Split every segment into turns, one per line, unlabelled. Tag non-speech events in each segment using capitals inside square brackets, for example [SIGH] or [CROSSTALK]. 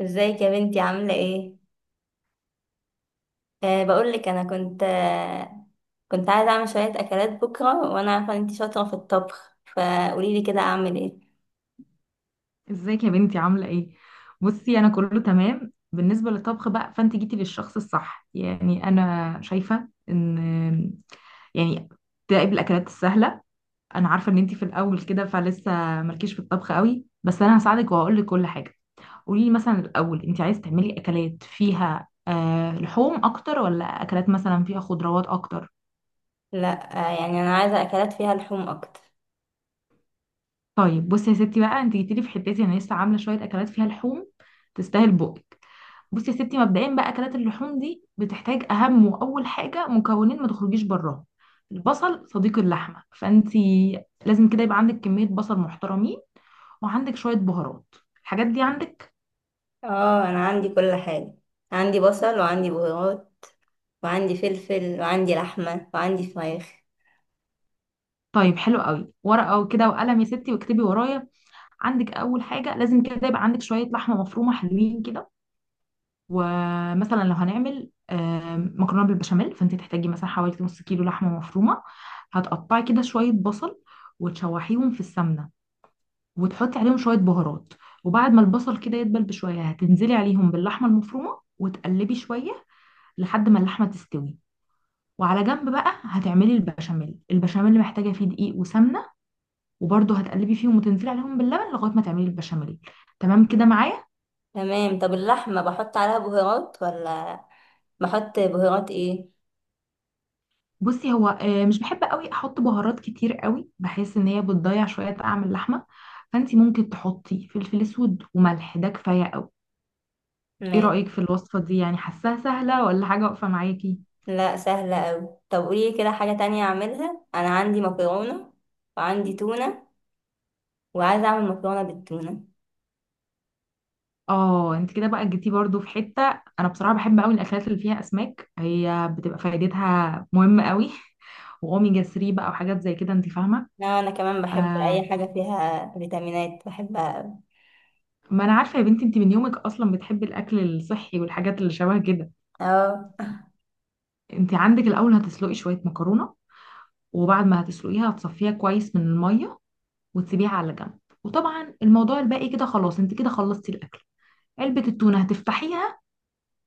ازيك يا بنتي، عاملة ايه؟ بقولك انا كنت أه كنت عايزة اعمل شوية اكلات بكرة، وانا عارفة ان انتي شاطرة في الطبخ، فقوليلي كده اعمل ايه.
ازيك يا بنتي عاملة ايه؟ بصي انا كله تمام بالنسبة للطبخ بقى، فانت جيتي للشخص الصح. يعني انا شايفة ان يعني تراقب الاكلات السهلة. انا عارفة ان انت في الاول كده فلسه، مالكيش في الطبخ قوي، بس انا هساعدك وهقول لك كل حاجة. قولي لي مثلا الاول، انت عايز تعملي اكلات فيها لحوم اكتر ولا اكلات مثلا فيها خضروات اكتر؟
لا أه يعني انا عايزة اكلات فيها لحوم اكتر.
طيب بصي يا ستي بقى، انت جيتي لي في حتتي. انا لسه عاملة شوية اكلات فيها لحوم، تستاهل بقك. بصي يا ستي، مبدئيا بقى اكلات اللحوم دي بتحتاج اهم واول حاجه مكونين ما تخرجيش براهم. البصل صديق اللحمه، فانتي لازم كده يبقى عندك كميه بصل محترمين وعندك شويه بهارات. الحاجات دي عندك؟
اه انا عندي كل حاجة، عندي بصل وعندي بهارات وعندي فلفل وعندي لحمة وعندي فراخ.
طيب حلو قوي، ورقه كده وقلم يا ستي واكتبي ورايا. عندك اول حاجه لازم كده يبقى عندك شويه لحمه مفرومه حلوين كده. ومثلا لو هنعمل مكرونه بالبشاميل، فانت تحتاجي مثلا حوالي نص كيلو لحمه مفرومه. هتقطعي كده شويه بصل وتشوحيهم في السمنه وتحطي عليهم شوية بهارات. وبعد ما البصل كده يدبل بشوية، هتنزلي عليهم باللحمة المفرومة وتقلبي شوية لحد ما اللحمة تستوي. وعلى جنب بقى هتعملي البشاميل. البشاميل محتاجة فيه دقيق وسمنة، وبرده هتقلبي فيهم وتنزلي عليهم باللبن لغاية ما تعملي البشاميل. تمام كده معايا؟
تمام. طب اللحمة بحط عليها بهارات ولا؟ بحط بهارات ايه؟
بصي، هو مش بحب قوي احط بهارات كتير قوي، بحس ان هي بتضيع شوية طعم اللحمة. فانتي ممكن تحطي فلفل اسود وملح، ده كفاية قوي. ايه
ماشي.
رأيك في الوصفة دي؟ يعني حاساها سهلة ولا حاجة واقفة معاكي؟
لا سهلة اوي. طب قولي كده حاجة تانية اعملها، انا عندي مكرونة وعندي تونة وعايزة اعمل مكرونة بالتونة.
اه، انت كده بقى جيتي برضو في حتة. انا بصراحة بحب قوي الاكلات اللي فيها اسماك، هي بتبقى فايدتها مهمة قوي. [LAUGHS] واوميجا 3 بقى وحاجات زي كده انت فاهمة.
لا انا كمان بحب اي
آه،
حاجة فيها فيتامينات، بحبها اوي.
ما انا عارفة يا بنتي انت من يومك اصلا بتحبي الاكل الصحي والحاجات اللي شبه كده.
اه.
انت عندك الاول هتسلقي شوية مكرونة، وبعد ما هتسلقيها هتصفيها كويس من المية وتسيبيها على جنب. وطبعا الموضوع الباقي كده خلاص، انت كده خلصتي الاكل. علبة التونة هتفتحيها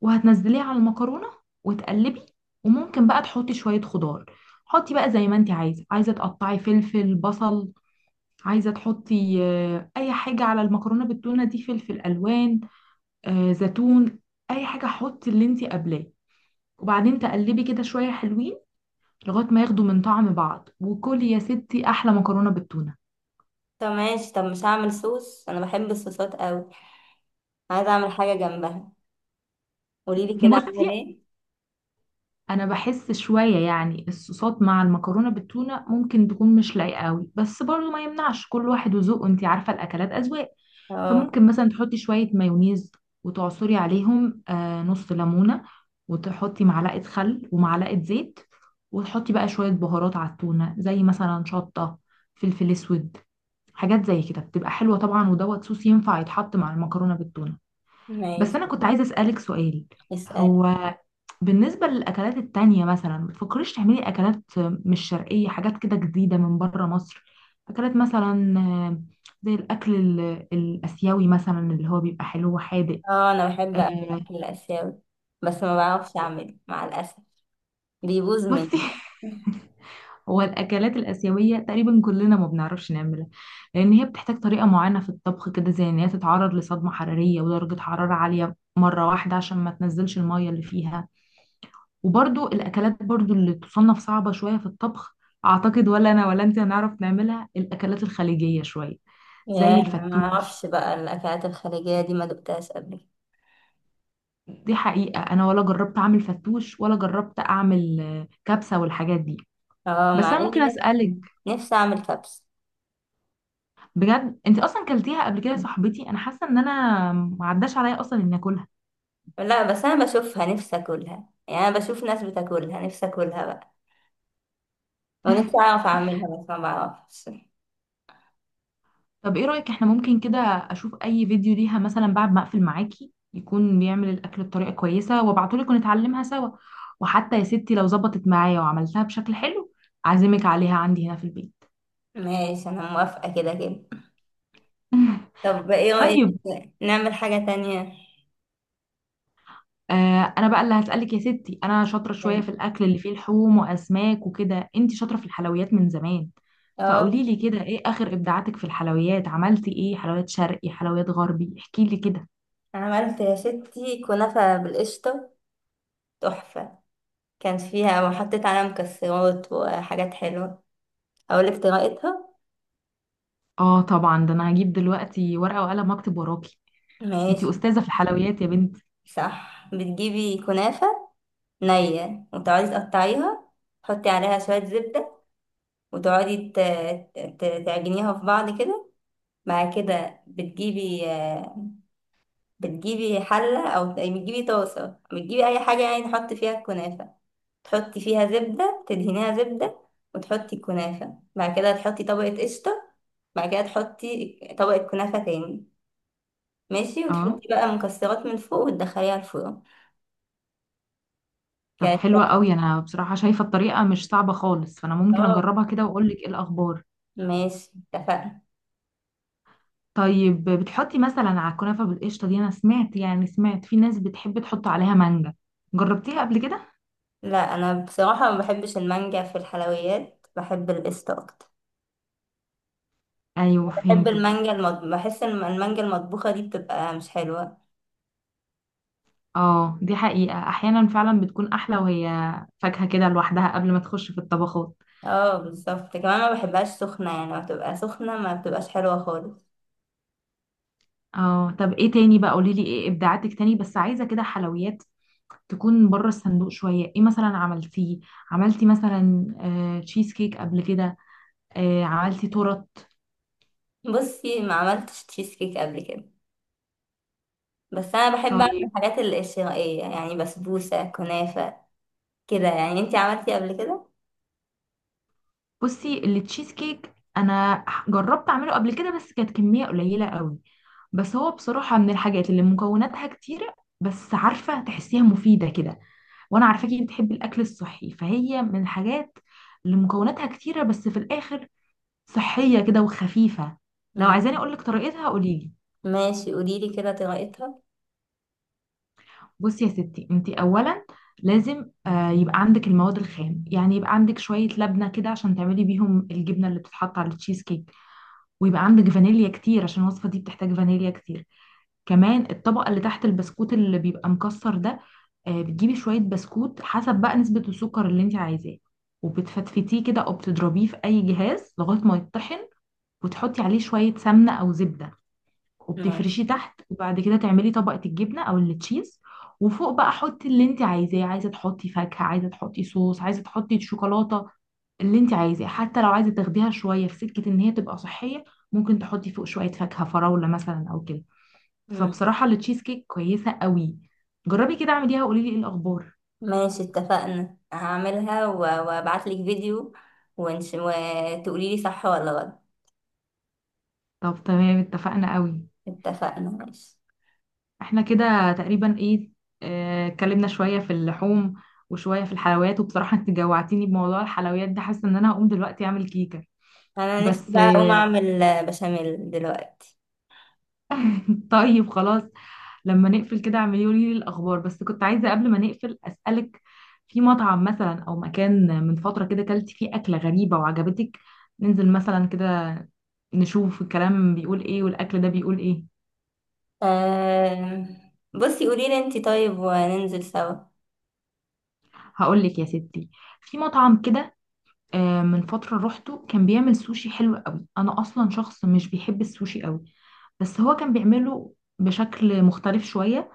وهتنزليها على المكرونه وتقلبي. وممكن بقى تحطي شويه خضار. حطي بقى زي ما انت عايزه. عايزه تقطعي فلفل بصل، عايزه تحطي اي حاجه على المكرونه بالتونه دي، فلفل الوان، زيتون، اي حاجه حطي اللي انت قبلاه. وبعدين تقلبي كده شويه حلوين لغايه ما ياخدوا من طعم بعض، وكلي يا ستي احلى مكرونه بالتونه.
طب ماشي. طب مش هعمل صوص؟ انا بحب الصوصات اوي، عايزة اعمل حاجة جنبها، قوليلي
[LAUGHS]
كده اعمل
بصي،
ايه.
انا بحس شويه يعني الصوصات مع المكرونه بالتونه ممكن تكون مش لايقه قوي، بس برضو ما يمنعش، كل واحد وذوقه، انت عارفه الاكلات اذواق.
اه.
فممكن مثلا تحطي شويه مايونيز، وتعصري عليهم نص ليمونه، وتحطي معلقه خل ومعلقه زيت، وتحطي بقى شويه بهارات على التونه زي مثلا شطه، فلفل اسود، حاجات زي كده بتبقى حلوه. طبعا ودوت صوص ينفع يتحط مع المكرونه بالتونه. بس
ماشي.
انا كنت عايزه اسالك سؤال.
اسأل.
هو بالنسبة للأكلات التانية، مثلا ما تفكريش تعملي أكلات مش شرقية، حاجات كده جديدة من بره مصر؟ أكلات مثلا زي الأكل الآسيوي مثلا اللي هو بيبقى حلو وحادق.
اه انا بحب اكل
آه،
الاكل الاسيوي، بس ما بعرفش اعمله مع الاسف، بيبوظ
بصي،
مني.
[LAUGHS] هو الأكلات الآسيوية تقريبا كلنا ما بنعرفش نعملها، لأن هي بتحتاج طريقة معينة في الطبخ كده، زي إن هي تتعرض لصدمة حرارية ودرجة حرارة عالية مرة واحدة عشان ما تنزلش المية اللي فيها. وبرضو الاكلات اللي تصنف صعبة شوية في الطبخ، اعتقد ولا انا ولا انت هنعرف نعملها. الاكلات الخليجية شوية
يا
زي
انا ما
الفتوش،
اعرفش بقى الاكلات الخليجيه دي، ما دقتهاش قبل كده.
دي حقيقة انا ولا جربت اعمل فتوش ولا جربت اعمل كبسة والحاجات دي.
اه
بس
مع
انا ممكن
اني نفسي
اسالك،
نفسي اعمل كبسه.
بجد انت اصلا كلتيها قبل كده يا صاحبتي؟ انا حاسه ان انا ما عداش عليا اصلا اني اكلها.
لا بس انا بشوفها نفسي اكلها، يعني انا بشوف ناس بتاكلها نفسي اكلها بقى، ونفسي
[LAUGHS]
اعرف اعملها بس ما بعرفش.
طب ايه رأيك، احنا ممكن كده اشوف اي فيديو ليها مثلا بعد ما اقفل معاكي، يكون بيعمل الاكل بطريقة كويسة وابعتهولك ونتعلمها سوا. وحتى يا ستي لو ظبطت معايا وعملتها بشكل حلو، اعزمك عليها عندي هنا في البيت.
ماشي، انا موافقه كده كده.
[LAUGHS]
طب ايه رايك
طيب.
نعمل حاجه تانية؟
انا بقى اللي هسألك يا ستي. انا شاطرة شوية
مم.
في الاكل اللي فيه لحوم واسماك وكده، انتي شاطرة في الحلويات من زمان.
اه.
فقولي لي كده، ايه اخر ابداعاتك في الحلويات؟ عملتي ايه؟ حلويات شرقي، حلويات غربي، احكي لي كده.
عملت يا ستي كنافه بالقشطه، تحفه. كان فيها، وحطيت عليها مكسرات وحاجات حلوه. اقولك طريقتها؟
اه طبعا، ده انا هجيب دلوقتي ورقة وقلم واكتب وراكي.
ماشي.
انتي استاذه في الحلويات يا بنتي.
صح، بتجيبي كنافة نية وتقعدي تقطعيها، تحطي عليها شوية زبدة، وتقعدي تعجنيها في بعض كده. بعد كده بتجيبي بتجيبي حلة أو بتجيبي طاسة، بتجيبي أي حاجة يعني تحطي فيها الكنافة، تحطي فيها زبدة تدهنيها زبدة، وتحطي الكنافة، بعد كده تحطي طبقة قشطة، بعد كده تحطي طبقة كنافة تاني. ماشي،
اه،
وتحطي بقى مكسرات من فوق وتدخليها الفرن.
طب
كانت
حلوه قوي. انا بصراحه شايفه الطريقه مش صعبه خالص، فانا ممكن
تحفة.
اجربها كده واقول لك ايه الاخبار.
ماشي اتفقنا.
طيب بتحطي مثلا على الكنافه بالقشطه دي؟ انا سمعت، يعني سمعت في ناس بتحب تحط عليها مانجا، جربتيها قبل كده؟
لا انا بصراحة ما بحبش المانجا في الحلويات، بحب القشطة اكتر.
ايوه
بحب
فهمتك.
المانجا بحس ان المانجا المطبوخة دي بتبقى مش حلوة.
اه، دي حقيقه احيانا فعلا بتكون احلى وهي فاكهه كده لوحدها قبل ما تخش في الطبخات.
اه بالظبط، كمان ما بحبهاش سخنة، يعني ما بتبقى سخنة ما بتبقاش حلوة خالص.
اه طب ايه تاني بقى، قولي لي ايه ابداعاتك تاني، بس عايزه كده حلويات تكون بره الصندوق شوية. ايه مثلا عملتيه؟ عملتي مثلا تشيز كيك قبل كده؟ عملتي تورت؟
بصي، ما عملتش تشيز كيك قبل كده، بس انا بحب اعمل
طيب
الحاجات الشرقية، يعني بسبوسة، كنافة، كده يعني. انتي عملتي قبل كده؟
بصي، التشيز كيك انا جربت اعمله قبل كده بس كانت كمية قليلة قوي. بس هو بصراحة من الحاجات اللي مكوناتها كتيرة، بس عارفة تحسيها مفيدة كده، وانا عارفاكي بتحبي الاكل الصحي، فهي من الحاجات اللي مكوناتها كتيرة بس في الاخر صحية كده وخفيفة. لو
مم.
عايزاني اقولك طريقتها قوليلي.
ماشي قوليلي كده طريقتها.
بصي يا ستي، انت اولا لازم يبقى عندك المواد الخام. يعني يبقى عندك شويه لبنه كده عشان تعملي بيهم الجبنه اللي بتتحط على التشيز كيك، ويبقى عندك فانيليا كتير عشان الوصفه دي بتحتاج فانيليا كتير. كمان الطبقه اللي تحت، البسكوت اللي بيبقى مكسر ده، بتجيبي شويه بسكوت حسب بقى نسبه السكر اللي انت عايزاه، وبتفتفتيه كده او بتضربيه في اي جهاز لغايه ما يطحن، وتحطي عليه شويه سمنه او زبده
ماشي.
وبتفرشيه تحت، وبعد كده تعملي طبقة الجبنة او التشيز. وفوق بقى حطي اللي انت عايزاه، عايزة تحطي فاكهة، عايزة تحطي صوص، عايزة تحطي شوكولاتة، اللي انت عايزاه. حتى لو عايزة تاخديها شوية في سكة ان هي تبقى صحية، ممكن تحطي فوق شوية فاكهة، فراولة مثلا او كده. فبصراحة التشيز كيك كويسة قوي، جربي كده اعمليها وقولي لي ايه الاخبار.
ماشي اتفقنا، هعملها وابعتلك فيديو، وتقولي لي صح ولا غلط.
طب تمام، اتفقنا قوي.
اتفقنا ماشي.
احنا كده تقريبا ايه، اتكلمنا شوية في اللحوم وشوية في الحلويات. وبصراحة انت جوعتيني بموضوع الحلويات ده، حاسة ان انا هقوم دلوقتي اعمل كيكة.
انا نفسي
بس
بقى اقوم اعمل بشاميل دلوقتي.
[LAUGHS] طيب خلاص، لما نقفل كده اعملي لي الاخبار. بس كنت عايزة قبل ما نقفل اسألك، في مطعم مثلا او مكان من فترة كده كلتي فيه اكلة غريبة وعجبتك؟ ننزل مثلا كده نشوف الكلام بيقول ايه والاكل ده بيقول ايه.
بصي قولي لي انتي، طيب وننزل سوا.
هقول لك يا ستي، في مطعم كده من فترة روحته كان بيعمل سوشي حلو قوي. أنا أصلا شخص مش بيحب السوشي قوي، بس هو كان بيعمله بشكل مختلف شوية.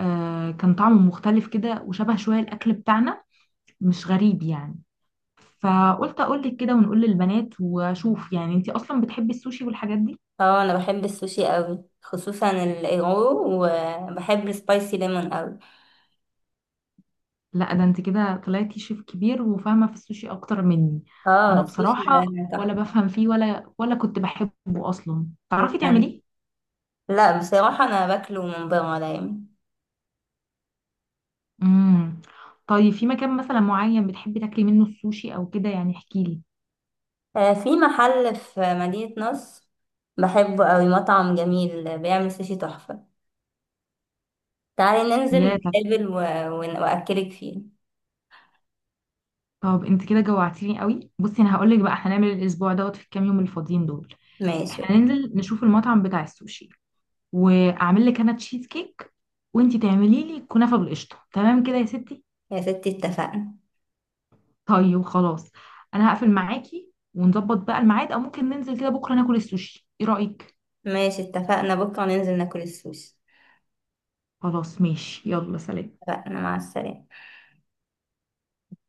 كان طعمه مختلف كده وشبه شوية الأكل بتاعنا، مش غريب يعني. فقلت أقولك كده ونقول للبنات وأشوف. يعني أنتي أصلا بتحبي السوشي والحاجات دي؟
اه انا بحب السوشي قوي، خصوصا الايغو، وبحب السبايسي ليمون قوي.
لا، ده أنت كده طلعتي شيف كبير وفاهمة في السوشي أكتر مني.
اه
أنا
السوشي
بصراحة
ده
ولا
تحفه.
بفهم فيه ولا كنت بحبه أصلا. تعرفي
يعني،
تعمليه؟
لا بصراحه انا باكله من بره دايما.
امم طيب، في مكان مثلا معين بتحبي تاكلي منه السوشي او كده يعني، احكي لي.
في محل في مدينة نصر بحبه قوي، مطعم جميل بيعمل سوشي تحفة. تعالي ننزل
يا طب
نتقابل وأكلك فيه.
طب انت كده جوعتيني قوي. بصي انا هقول لك بقى، احنا هنعمل الاسبوع دوت في الكام يوم الفاضيين دول،
ماشي
احنا ننزل نشوف المطعم بتاع السوشي، واعمل لك انا تشيز كيك، وانت تعملي لي كنافه بالقشطه، تمام كده يا ستي؟
يا ستي اتفقنا.
طيب خلاص، انا هقفل معاكي ونظبط بقى الميعاد، او ممكن ننزل كده بكره ناكل السوشي، ايه رايك؟
ماشي اتفقنا، بكرة ننزل ناكل السوشي.
خلاص ماشي، يلا سلام.
اتفقنا، مع السلامة.